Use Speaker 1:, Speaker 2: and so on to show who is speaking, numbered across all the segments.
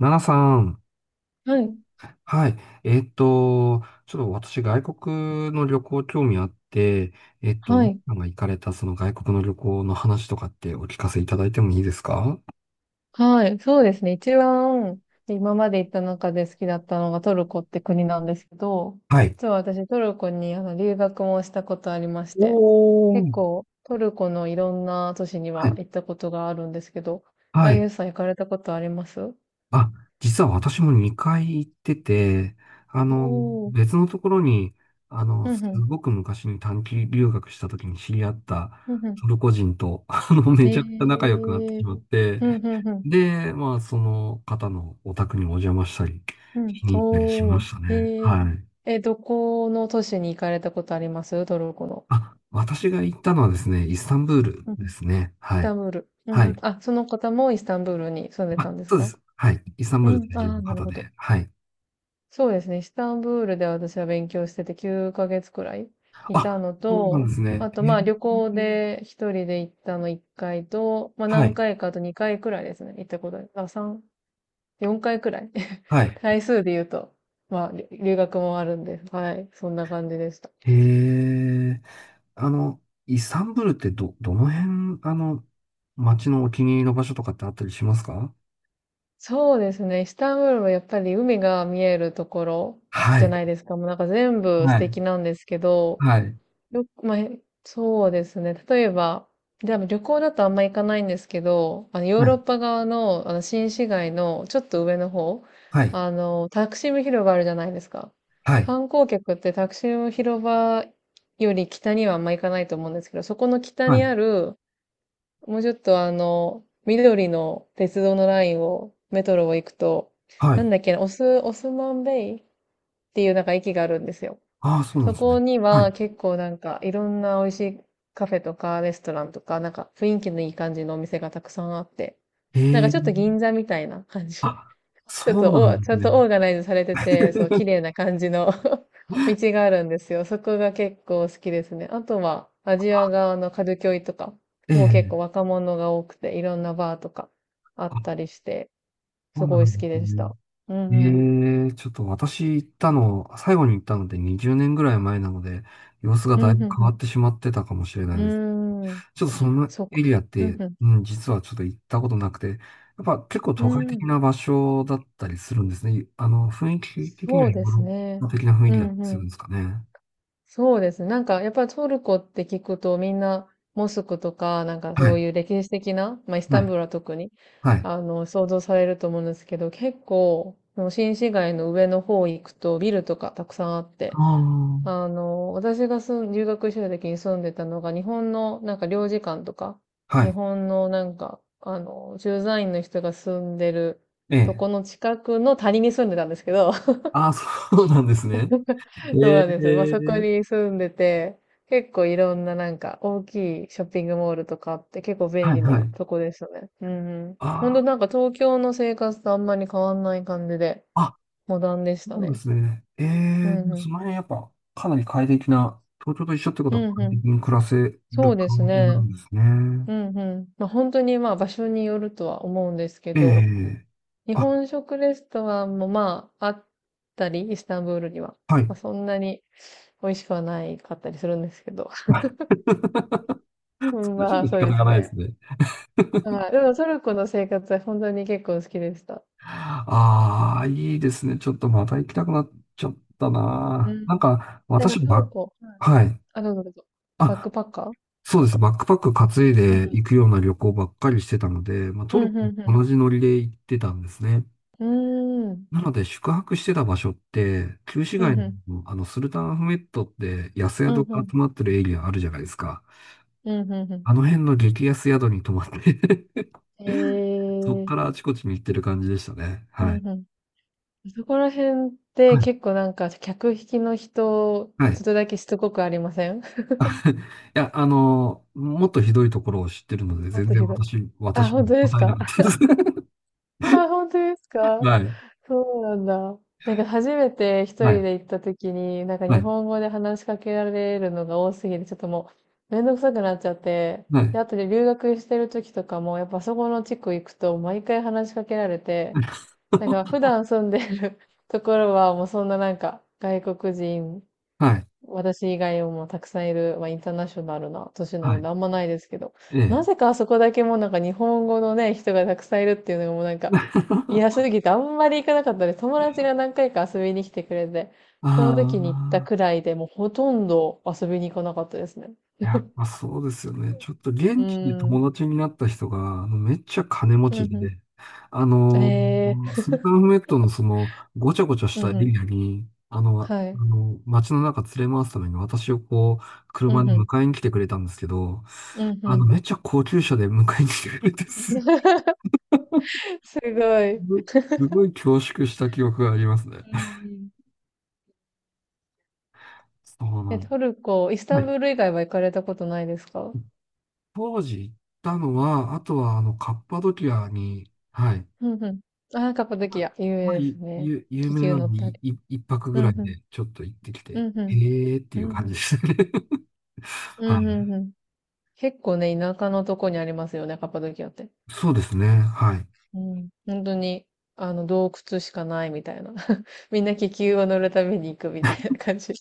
Speaker 1: ナナさん。
Speaker 2: はい、
Speaker 1: はい。えっと、ちょっと私、外国の旅行興味あって、
Speaker 2: は
Speaker 1: ナナ
Speaker 2: い、
Speaker 1: さんが行かれたその外国の旅行の話とかってお聞かせいただいてもいいですか？
Speaker 2: はい、そうですね。一番今まで行った中で好きだったのがトルコって国なんですけど、
Speaker 1: はい。
Speaker 2: 実は私トルコに留学もしたことありまして、
Speaker 1: お
Speaker 2: 結
Speaker 1: ー。
Speaker 2: 構トルコのいろんな都市に
Speaker 1: は
Speaker 2: は
Speaker 1: い。
Speaker 2: 行ったことがあるんですけど、あ
Speaker 1: は
Speaker 2: ゆ
Speaker 1: い。
Speaker 2: うさん行かれたことあります？
Speaker 1: あ、実は私も2回行ってて、あの、
Speaker 2: おー、
Speaker 1: 別のところに、
Speaker 2: う
Speaker 1: す
Speaker 2: んうん、
Speaker 1: ごく昔に短期留学した時に知り合った
Speaker 2: うんう
Speaker 1: トルコ人と、
Speaker 2: ん。
Speaker 1: め
Speaker 2: え
Speaker 1: ちゃくちゃ仲良くなってし
Speaker 2: ー、
Speaker 1: まって、
Speaker 2: うんうんうん、
Speaker 1: で、まあ、その方のお宅にお邪魔したり、
Speaker 2: うん、
Speaker 1: しに行ったりしま
Speaker 2: おー、
Speaker 1: した
Speaker 2: え
Speaker 1: ね。
Speaker 2: ー、
Speaker 1: はい。
Speaker 2: え、どこの都市に行かれたことあります？トルコの。
Speaker 1: あ、私が行ったのはですね、イスタンブールですね。
Speaker 2: イス
Speaker 1: は
Speaker 2: タ
Speaker 1: い。
Speaker 2: ンブール。うんう
Speaker 1: は
Speaker 2: ん。
Speaker 1: い。
Speaker 2: あ、その方もイスタンブールに住んで
Speaker 1: あ、
Speaker 2: たんです
Speaker 1: そうで
Speaker 2: か？
Speaker 1: す。はい。イスタン
Speaker 2: う
Speaker 1: ブール在
Speaker 2: ん。あ
Speaker 1: 住の
Speaker 2: あ、なる
Speaker 1: 方
Speaker 2: ほ
Speaker 1: で。
Speaker 2: ど。
Speaker 1: はい。
Speaker 2: そうですね。イスタンブールで私は勉強してて9ヶ月くらいいた
Speaker 1: あ、
Speaker 2: の
Speaker 1: そうなん
Speaker 2: と、
Speaker 1: ですね。
Speaker 2: あと
Speaker 1: え
Speaker 2: まあ旅行
Speaker 1: ー
Speaker 2: で一人で行ったの1回と、まあ
Speaker 1: は
Speaker 2: 何
Speaker 1: い。
Speaker 2: 回かあと2回くらいですね。行ったことある。あ、3、4回くらい。
Speaker 1: は い。
Speaker 2: 回数で言うと、まあり留学もあるんで、はい。そんな感じでした。
Speaker 1: へえ。あの、イスタンブールってどの辺、街のお気に入りの場所とかってあったりしますか？
Speaker 2: そうですね。イスタンブールはやっぱり海が見えるところ
Speaker 1: は
Speaker 2: じゃ
Speaker 1: い。
Speaker 2: ないですか。もうなんか全部素
Speaker 1: はい。
Speaker 2: 敵なんですけど、
Speaker 1: はい。
Speaker 2: よく、まあ、へそうですね。例えば、で旅行だとあんま行かないんですけど、ヨー
Speaker 1: は
Speaker 2: ロッ
Speaker 1: い。
Speaker 2: パ側の、新市街のちょっと上の方、
Speaker 1: はい。
Speaker 2: タクシム広場あるじゃないですか。
Speaker 1: はい。
Speaker 2: 観光客ってタクシム広場より北にはあんま行かないと思うんですけど、そこの北
Speaker 1: は
Speaker 2: に
Speaker 1: い。
Speaker 2: あるもうちょっと緑の鉄道のラインを、メトロを行くと、
Speaker 1: は
Speaker 2: な
Speaker 1: い。
Speaker 2: んだっけな、オスマンベイっていうなんか駅があるんですよ。
Speaker 1: ああ、そうなん
Speaker 2: そ
Speaker 1: です
Speaker 2: こ
Speaker 1: ね。
Speaker 2: に
Speaker 1: は
Speaker 2: は
Speaker 1: い。
Speaker 2: 結構なんかいろんな美味しいカフェとかレストランとか、なんか雰囲気のいい感じのお店がたくさんあって、
Speaker 1: へ
Speaker 2: なんかちょっ
Speaker 1: え。
Speaker 2: と銀座みたいな感じ。
Speaker 1: あ、
Speaker 2: ちょっ
Speaker 1: そう
Speaker 2: と
Speaker 1: なん
Speaker 2: お、
Speaker 1: で
Speaker 2: ちゃ
Speaker 1: す
Speaker 2: んと
Speaker 1: ね。
Speaker 2: オーガナイズされてて、そう、綺 麗な感じの 道があるんですよ。そこが結構好きですね。あとは、アジア側のカルキョイとか、
Speaker 1: え
Speaker 2: もう結構
Speaker 1: え。
Speaker 2: 若者が多くて、いろんなバーとかあった
Speaker 1: あ、
Speaker 2: りして、
Speaker 1: そ
Speaker 2: す
Speaker 1: うな
Speaker 2: ご
Speaker 1: ん
Speaker 2: い好
Speaker 1: で
Speaker 2: き
Speaker 1: す
Speaker 2: でし
Speaker 1: ね。
Speaker 2: た。うんうん。
Speaker 1: ええ、ちょっと私行ったの、最後に行ったので20年ぐらい前なので、様子が
Speaker 2: う
Speaker 1: だ
Speaker 2: ん
Speaker 1: いぶ
Speaker 2: う
Speaker 1: 変
Speaker 2: ん
Speaker 1: わってしまってたかもしれない
Speaker 2: う
Speaker 1: です。
Speaker 2: ん。う
Speaker 1: ちょっ
Speaker 2: ーん。
Speaker 1: とそ
Speaker 2: あ、
Speaker 1: の
Speaker 2: そうか。
Speaker 1: エリアっ
Speaker 2: う
Speaker 1: て、
Speaker 2: んう
Speaker 1: うん、実はちょっと行ったことなくて、やっぱ
Speaker 2: ん。
Speaker 1: 結構
Speaker 2: う
Speaker 1: 都会
Speaker 2: ー
Speaker 1: 的
Speaker 2: ん。
Speaker 1: な場所だったりするんですね。雰囲気的に
Speaker 2: そ
Speaker 1: は
Speaker 2: う
Speaker 1: ヨー
Speaker 2: です
Speaker 1: ロッパ
Speaker 2: ね。
Speaker 1: 的な雰囲
Speaker 2: う
Speaker 1: 気だっ
Speaker 2: ん
Speaker 1: たり
Speaker 2: う
Speaker 1: するん
Speaker 2: ん。
Speaker 1: ですかね？
Speaker 2: そうですね。なんか、やっぱりトルコって聞くと、みんな、モスクとか、なんか
Speaker 1: は
Speaker 2: そう
Speaker 1: い。
Speaker 2: いう歴史的な、まあ、イス
Speaker 1: は
Speaker 2: タンブ
Speaker 1: い。
Speaker 2: ールは特に、
Speaker 1: はい。
Speaker 2: 想像されると思うんですけど、結構、その新市街の上の方行くと、ビルとかたくさんあって、
Speaker 1: あ
Speaker 2: 私が留学してた時に住んでたのが、日本の、なんか領事館とか、
Speaker 1: あ。は
Speaker 2: 日
Speaker 1: い。
Speaker 2: 本の、なんか、駐在員の人が住んでる
Speaker 1: え
Speaker 2: と
Speaker 1: え。
Speaker 2: この近くの谷に住んでたんですけど、
Speaker 1: ああ、そうなんですね。
Speaker 2: そう
Speaker 1: え
Speaker 2: なんです。まあ、そこ
Speaker 1: え。
Speaker 2: に住んでて、結構いろんななんか大きいショッピングモールとかあって結構便
Speaker 1: はい、
Speaker 2: 利
Speaker 1: は
Speaker 2: な
Speaker 1: い。
Speaker 2: とこでしたね。うんうん。ほん
Speaker 1: あ
Speaker 2: となんか東京の生活とあんまり変わんない感じで、
Speaker 1: あ、あ、
Speaker 2: モダンでし
Speaker 1: そう
Speaker 2: た
Speaker 1: なんで
Speaker 2: ね。
Speaker 1: すね。え
Speaker 2: う
Speaker 1: え、
Speaker 2: んうん。
Speaker 1: その辺やっぱかなり快適な、東京と一緒ってことは
Speaker 2: うんう
Speaker 1: 快
Speaker 2: ん。
Speaker 1: 適に暮らせる
Speaker 2: そうです
Speaker 1: 感じな
Speaker 2: ね。
Speaker 1: んですね。
Speaker 2: うんうん。まあ、本当にまあ場所によるとは思うんですけ
Speaker 1: え
Speaker 2: ど、
Speaker 1: え。
Speaker 2: 日
Speaker 1: あ、
Speaker 2: 本食レストランもまああったり、イスタンブールには。
Speaker 1: はい。
Speaker 2: まあ、そんなに美味しくはないかったりするんですけど。
Speaker 1: それ
Speaker 2: うん、
Speaker 1: はちょっ
Speaker 2: まあ
Speaker 1: と仕
Speaker 2: そう
Speaker 1: 方
Speaker 2: で
Speaker 1: が
Speaker 2: す
Speaker 1: ないです
Speaker 2: ね。
Speaker 1: ね。
Speaker 2: はい。でもトルコの生活は本当に結構好きでした。
Speaker 1: ああ、いいですね。ちょっとまた行きたくなっちゃった
Speaker 2: う
Speaker 1: な。なん
Speaker 2: ん。
Speaker 1: か、
Speaker 2: なんかトルコ、はい。
Speaker 1: はい。
Speaker 2: あ、どうぞどうぞ。バッ
Speaker 1: あ、
Speaker 2: クパッカーです
Speaker 1: そう
Speaker 2: か？
Speaker 1: です。バックパック担い
Speaker 2: う
Speaker 1: で
Speaker 2: んう
Speaker 1: 行くような旅行ばっかりしてたので、まあ、ト
Speaker 2: ん、
Speaker 1: ル
Speaker 2: う
Speaker 1: コ
Speaker 2: ん、
Speaker 1: も
Speaker 2: う
Speaker 1: 同じノリで行ってたんですね。
Speaker 2: んうん。うーん。
Speaker 1: なので、宿泊してた場所って、旧市
Speaker 2: う
Speaker 1: 街
Speaker 2: ん、うん。
Speaker 1: の、スルタンアフメットって安
Speaker 2: う
Speaker 1: 宿
Speaker 2: ん、う
Speaker 1: が
Speaker 2: ん。
Speaker 1: 集まってるエリアあるじゃないですか。
Speaker 2: うん、うん。う
Speaker 1: あの辺の激安宿に泊まって
Speaker 2: ん。
Speaker 1: そ
Speaker 2: え
Speaker 1: っか
Speaker 2: ー。
Speaker 1: らあちこちに行ってる感じでしたね。
Speaker 2: う
Speaker 1: はい。
Speaker 2: ん、うん。そこら辺っ
Speaker 1: は
Speaker 2: て
Speaker 1: い。
Speaker 2: 結構なんか客引きの人、
Speaker 1: は
Speaker 2: ちょっ
Speaker 1: い
Speaker 2: とだけしつこくありません？
Speaker 1: いや、もっとひどいところを知ってるので、
Speaker 2: もっ
Speaker 1: 全
Speaker 2: と
Speaker 1: 然
Speaker 2: ひどい。あ、
Speaker 1: 私
Speaker 2: 本
Speaker 1: も
Speaker 2: 当です
Speaker 1: 答えな
Speaker 2: か？
Speaker 1: かったです。
Speaker 2: あ、本当ですか？
Speaker 1: はい。
Speaker 2: そうなんだ。なんか初めて一
Speaker 1: は
Speaker 2: 人
Speaker 1: い。
Speaker 2: で行った時に、なんか
Speaker 1: は
Speaker 2: 日
Speaker 1: い。
Speaker 2: 本語で話しかけられるのが多すぎて、ちょっともうめんどくさくなっちゃって、
Speaker 1: は
Speaker 2: で、
Speaker 1: い。
Speaker 2: あとで留学してる時とかも、やっぱそこの地区行くと毎回話しかけられて、なんか普 段住んでる ところはもうそんななんか外国人
Speaker 1: はい。
Speaker 2: 私以外もたくさんいる、まあ、インターナショナルな都市な
Speaker 1: は
Speaker 2: の
Speaker 1: い。
Speaker 2: であんまないですけど、
Speaker 1: え
Speaker 2: な
Speaker 1: え。
Speaker 2: ぜかあそこだけもうなんか日本語のね、人がたくさんいるっていうのがもうなんか嫌す ぎてあんまり行かなかったです。友達が何回か遊びに来てくれて、
Speaker 1: あ
Speaker 2: その時に行ったく
Speaker 1: あ。
Speaker 2: らいでもうほとんど遊びに行かなかったですね。
Speaker 1: やっぱそうですよね。ちょっと
Speaker 2: うー
Speaker 1: 現地で
Speaker 2: ん。
Speaker 1: 友達になった人が、あのめっちゃ金持
Speaker 2: う
Speaker 1: ち
Speaker 2: んう
Speaker 1: で、あ
Speaker 2: ん。
Speaker 1: の、
Speaker 2: え
Speaker 1: スルタンフメットのその、ごちゃごちゃし
Speaker 2: ー、う
Speaker 1: たエ
Speaker 2: んうん。
Speaker 1: リアに、
Speaker 2: はい。
Speaker 1: 街の中連れ回すために私をこう、
Speaker 2: う
Speaker 1: 車
Speaker 2: ん
Speaker 1: で
Speaker 2: うん。
Speaker 1: 迎えに来てくれたんですけど、
Speaker 2: うんうん。
Speaker 1: めっちゃ高級車で迎えに来てくれて
Speaker 2: すごい。うん
Speaker 1: ごい、すごい恐縮した記憶がありますね。
Speaker 2: うん。
Speaker 1: そうな
Speaker 2: え、
Speaker 1: ん、
Speaker 2: トルコ、イスタ
Speaker 1: は
Speaker 2: ンブ
Speaker 1: い。
Speaker 2: ール以外は行かれたことないですか？
Speaker 1: 当時行ったのは、あとはあの、カッパドキアに、はい。
Speaker 2: うんうん。ああ、カッパド
Speaker 1: まあ、
Speaker 2: キア、有
Speaker 1: まあ
Speaker 2: 名で
Speaker 1: い
Speaker 2: すね。
Speaker 1: ゆ、有
Speaker 2: 気
Speaker 1: 名
Speaker 2: 球
Speaker 1: な
Speaker 2: 乗
Speaker 1: ん
Speaker 2: っ
Speaker 1: で、
Speaker 2: たり。
Speaker 1: 一泊
Speaker 2: う
Speaker 1: ぐ
Speaker 2: ん
Speaker 1: らい
Speaker 2: うん。
Speaker 1: でちょっと行ってきて、
Speaker 2: うんう
Speaker 1: へ
Speaker 2: ん。
Speaker 1: えーって
Speaker 2: う
Speaker 1: いう
Speaker 2: んう
Speaker 1: 感じ
Speaker 2: ん。
Speaker 1: ですね。
Speaker 2: う
Speaker 1: は
Speaker 2: ん
Speaker 1: い。
Speaker 2: うんうん。結構ね、田舎のとこにありますよね、カッパドキアって。
Speaker 1: そうですね。はい。
Speaker 2: うん。本当に、洞窟しかないみたいな。みんな気球を乗るために行くみたいな感じ。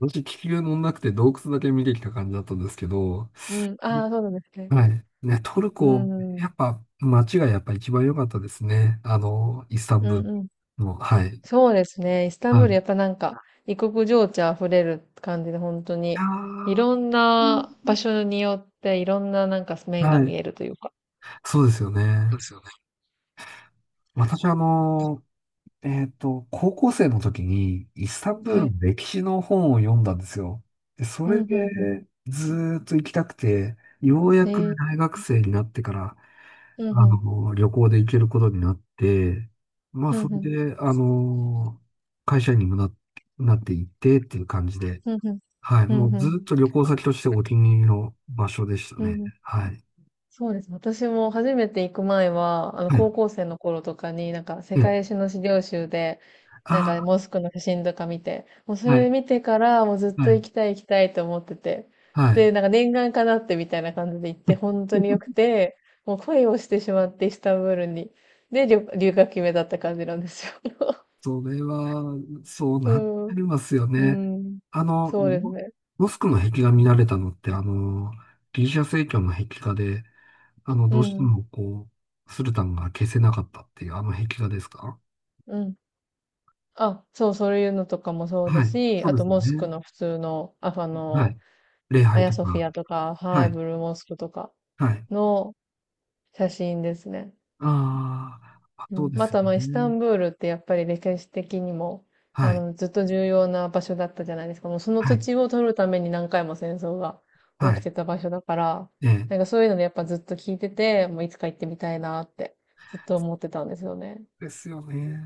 Speaker 1: 私、気球乗んなくて洞窟だけ見てきた感じだったんですけど、
Speaker 2: うん。ああ、そうなんですね。
Speaker 1: はい。ね、トル
Speaker 2: う
Speaker 1: コ、
Speaker 2: ん。う
Speaker 1: や
Speaker 2: ん
Speaker 1: っぱ街がやっぱ一番良かったですね。あの、イスタン
Speaker 2: う
Speaker 1: ブール
Speaker 2: ん。
Speaker 1: の、はい。
Speaker 2: そうですね。イスタン
Speaker 1: は
Speaker 2: ブ
Speaker 1: い。
Speaker 2: ー
Speaker 1: い
Speaker 2: ル、やっぱなんか、異国情緒あふれる感じで、本当
Speaker 1: や
Speaker 2: に、い
Speaker 1: ー
Speaker 2: ろんな場所によって、いろんななんか面が
Speaker 1: は
Speaker 2: 見
Speaker 1: い。
Speaker 2: えるというか。
Speaker 1: そうですよね。私、高校生の時にイスタンブール
Speaker 2: はい。
Speaker 1: の歴史の本を読んだんですよ。で、そ
Speaker 2: うん、
Speaker 1: れ
Speaker 2: うん、うん。
Speaker 1: でずーっと行きたくて、ようや
Speaker 2: へ
Speaker 1: く
Speaker 2: え、
Speaker 1: 大学生になってから、
Speaker 2: うん、うん、
Speaker 1: 旅行で行けることになって、まあ、
Speaker 2: う
Speaker 1: そ
Speaker 2: ん、う
Speaker 1: れ
Speaker 2: ん、
Speaker 1: で、会社員にもな、なっていってっていう感じで、
Speaker 2: うん、うん、
Speaker 1: はい、
Speaker 2: う
Speaker 1: も
Speaker 2: ん、
Speaker 1: う
Speaker 2: う
Speaker 1: ず
Speaker 2: ん
Speaker 1: ーっと旅行先としてお気に入りの場所でした
Speaker 2: うん
Speaker 1: ね。
Speaker 2: うん。
Speaker 1: はい。
Speaker 2: そうです。私も初めて行く前は、
Speaker 1: はい。
Speaker 2: 高校生の頃とかに、なんか、世
Speaker 1: ええ、
Speaker 2: 界史の資料集で、
Speaker 1: あ
Speaker 2: なんか、モスクの写真とか見て、もうそ
Speaker 1: あ、は
Speaker 2: れ
Speaker 1: い、
Speaker 2: 見てから、もうずっ
Speaker 1: は
Speaker 2: と行
Speaker 1: い、
Speaker 2: きたい行きたいと思ってて、で、
Speaker 1: は
Speaker 2: なんか、念願かなってみたいな感じで行って、本当に良く
Speaker 1: い。
Speaker 2: て、もう恋をしてしまって、イスタンブールに。で、留学決めだった感じなんですよ。
Speaker 1: それは、そう
Speaker 2: う
Speaker 1: なっ
Speaker 2: ん、
Speaker 1: てますよ
Speaker 2: う
Speaker 1: ね。
Speaker 2: ん、
Speaker 1: あの、
Speaker 2: そうです
Speaker 1: モ
Speaker 2: ね。
Speaker 1: モスクの壁画見られたのって、ギリシャ正教の壁画で、
Speaker 2: う
Speaker 1: どうして
Speaker 2: ん、
Speaker 1: もスルタンが消せなかったっていう、あの壁画ですか？
Speaker 2: うん。あ、そう、そういうのとかもそうだ
Speaker 1: はい。
Speaker 2: し、
Speaker 1: そう
Speaker 2: あ
Speaker 1: で
Speaker 2: と
Speaker 1: すよ
Speaker 2: モスク
Speaker 1: ね。
Speaker 2: の普通の、
Speaker 1: はい。礼
Speaker 2: ア
Speaker 1: 拝
Speaker 2: ヤ
Speaker 1: と
Speaker 2: ソフ
Speaker 1: か。
Speaker 2: ィアとか、は
Speaker 1: は
Speaker 2: い、
Speaker 1: い。
Speaker 2: ブルーモスクとか
Speaker 1: はい。
Speaker 2: の写真ですね。
Speaker 1: あーあ、
Speaker 2: う
Speaker 1: そう
Speaker 2: ん、
Speaker 1: で
Speaker 2: ま
Speaker 1: すよ
Speaker 2: た、まあ、イスタ
Speaker 1: ね。
Speaker 2: ンブールってやっぱり歴史的にも、
Speaker 1: はい。
Speaker 2: ずっと重要な場所だったじゃないですか。もうその
Speaker 1: は
Speaker 2: 土
Speaker 1: い。
Speaker 2: 地を取るために何回も戦争が
Speaker 1: は
Speaker 2: 起き
Speaker 1: い。
Speaker 2: てた場所だから、
Speaker 1: ええ。
Speaker 2: なんかそういうのでやっぱずっと聞いてて、もういつか行ってみたいなってずっと思ってたんですよね。
Speaker 1: ですよね。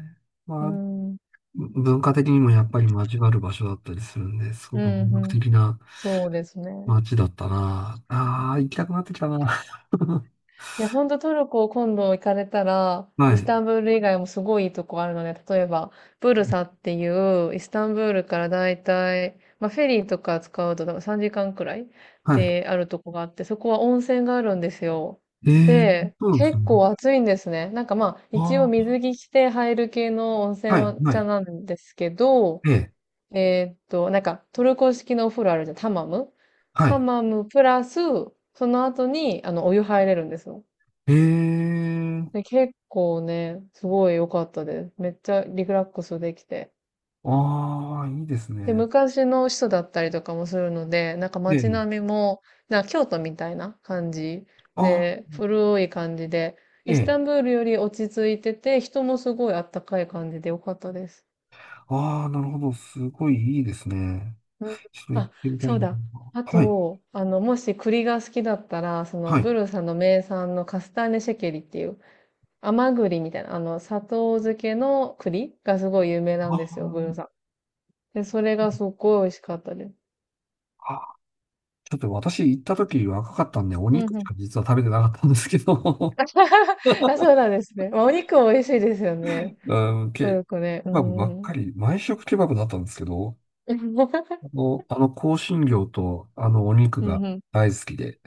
Speaker 2: う
Speaker 1: まあ、
Speaker 2: ん、うん、
Speaker 1: 文化的にもやっぱり交わる場所だったりするんで、すご
Speaker 2: う
Speaker 1: く魅力
Speaker 2: ん。
Speaker 1: 的な
Speaker 2: そうですね。
Speaker 1: 街だったな。ああ、行きたくなってきたな。
Speaker 2: いや、ほんとトルコ今度行かれたら、
Speaker 1: は
Speaker 2: イス
Speaker 1: い。
Speaker 2: タンブール以外もすごいいいとこあるので、例えば、ブルサっていう、イスタンブールからだいたい、まあ、フェリーとか使うとだから3時間くらい
Speaker 1: はい。
Speaker 2: であるとこがあって、そこは温泉があるんですよ。
Speaker 1: えー、
Speaker 2: で、
Speaker 1: そうなんです
Speaker 2: 結
Speaker 1: ね。
Speaker 2: 構暑いんですね。なんかまあ、一応
Speaker 1: あ
Speaker 2: 水着着て入る系の温
Speaker 1: あ、
Speaker 2: 泉
Speaker 1: はい、
Speaker 2: は
Speaker 1: は
Speaker 2: 茶
Speaker 1: い。
Speaker 2: なんですけど、
Speaker 1: ええ、
Speaker 2: なんかトルコ式のお風呂あるじゃん、ハマム。
Speaker 1: は
Speaker 2: ハ
Speaker 1: い。
Speaker 2: マムプラス、その後に、お湯入れるんですよ。
Speaker 1: え
Speaker 2: で、
Speaker 1: ー、
Speaker 2: 結構ね、すごい良かったです。めっちゃリラックスできて。
Speaker 1: ああ、いいです
Speaker 2: で、
Speaker 1: ね。
Speaker 2: 昔の人だったりとかもするので、なんか
Speaker 1: え
Speaker 2: 街
Speaker 1: え、
Speaker 2: 並みも、なんか京都みたいな感じ
Speaker 1: あ
Speaker 2: で、古い感じで、
Speaker 1: え
Speaker 2: イスタ
Speaker 1: え、
Speaker 2: ンブールより落ち着いてて、人もすごいあったかい感じで良かったです。
Speaker 1: ああ、なるほど。すごいいいですね。
Speaker 2: うん。
Speaker 1: ちょっと行っ
Speaker 2: あ、
Speaker 1: てみたい
Speaker 2: そ
Speaker 1: な。
Speaker 2: うだ。あ
Speaker 1: はい、
Speaker 2: と、もし栗が好きだったら、その、
Speaker 1: はい。
Speaker 2: ブルサの名産のカスターネシェケリっていう、甘栗みたいな、砂糖漬けの栗がすごい有名な
Speaker 1: あ
Speaker 2: んで
Speaker 1: ー
Speaker 2: すよ、ブルサ。で、それがすっごい美味しかったです。
Speaker 1: あ、あちょっと私行った時若かったんで、お
Speaker 2: う
Speaker 1: 肉
Speaker 2: んう
Speaker 1: し
Speaker 2: ん。
Speaker 1: か実は食べてなかったんですけど、
Speaker 2: あ、そうなんですね。まあ、お肉も美味しいですよね。
Speaker 1: うん、
Speaker 2: ト
Speaker 1: ケ
Speaker 2: ルコね。う
Speaker 1: バブばっ
Speaker 2: ん。
Speaker 1: かり、毎食ケバブだったんですけど、あの香辛料とあのお肉
Speaker 2: う
Speaker 1: が
Speaker 2: んうん。
Speaker 1: 大好きで、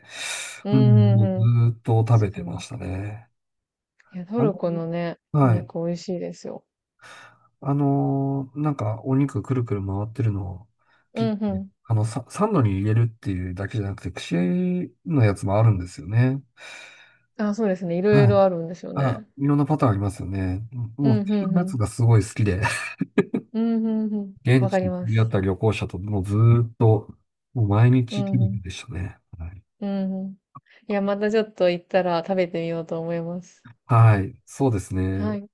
Speaker 2: うん
Speaker 1: うん、
Speaker 2: う
Speaker 1: もうず
Speaker 2: んうん。
Speaker 1: ーっと食べ
Speaker 2: 確か
Speaker 1: てま
Speaker 2: に。
Speaker 1: したね。
Speaker 2: いや、ト
Speaker 1: あ
Speaker 2: ルコ
Speaker 1: の、
Speaker 2: のね、お
Speaker 1: はい。
Speaker 2: 肉美味しいですよ。
Speaker 1: なんかお肉くるくる回ってるのを
Speaker 2: う
Speaker 1: 切っ
Speaker 2: んう
Speaker 1: て、
Speaker 2: ん。
Speaker 1: サンドに入れるっていうだけじゃなくて、串のやつもあるんですよね。
Speaker 2: あ、そうですね。いろい
Speaker 1: はい。
Speaker 2: ろあるんですよ
Speaker 1: あ、
Speaker 2: ね。
Speaker 1: いろんなパターンありますよね。
Speaker 2: う
Speaker 1: も
Speaker 2: ん
Speaker 1: う、
Speaker 2: う
Speaker 1: 串
Speaker 2: ん
Speaker 1: の
Speaker 2: う
Speaker 1: やつ
Speaker 2: ん。
Speaker 1: がすごい好きで、
Speaker 2: うんうんうん。
Speaker 1: 現
Speaker 2: わか
Speaker 1: 地
Speaker 2: り
Speaker 1: に
Speaker 2: ま
Speaker 1: 出会っ
Speaker 2: す。
Speaker 1: た旅行者ともうずーっと、もう毎
Speaker 2: う
Speaker 1: 日切
Speaker 2: んうん。
Speaker 1: りでしたね。はい。
Speaker 2: うんうん。いや、またちょっと行ったら食べてみようと思います。
Speaker 1: はい、そうです
Speaker 2: は
Speaker 1: ね。
Speaker 2: い。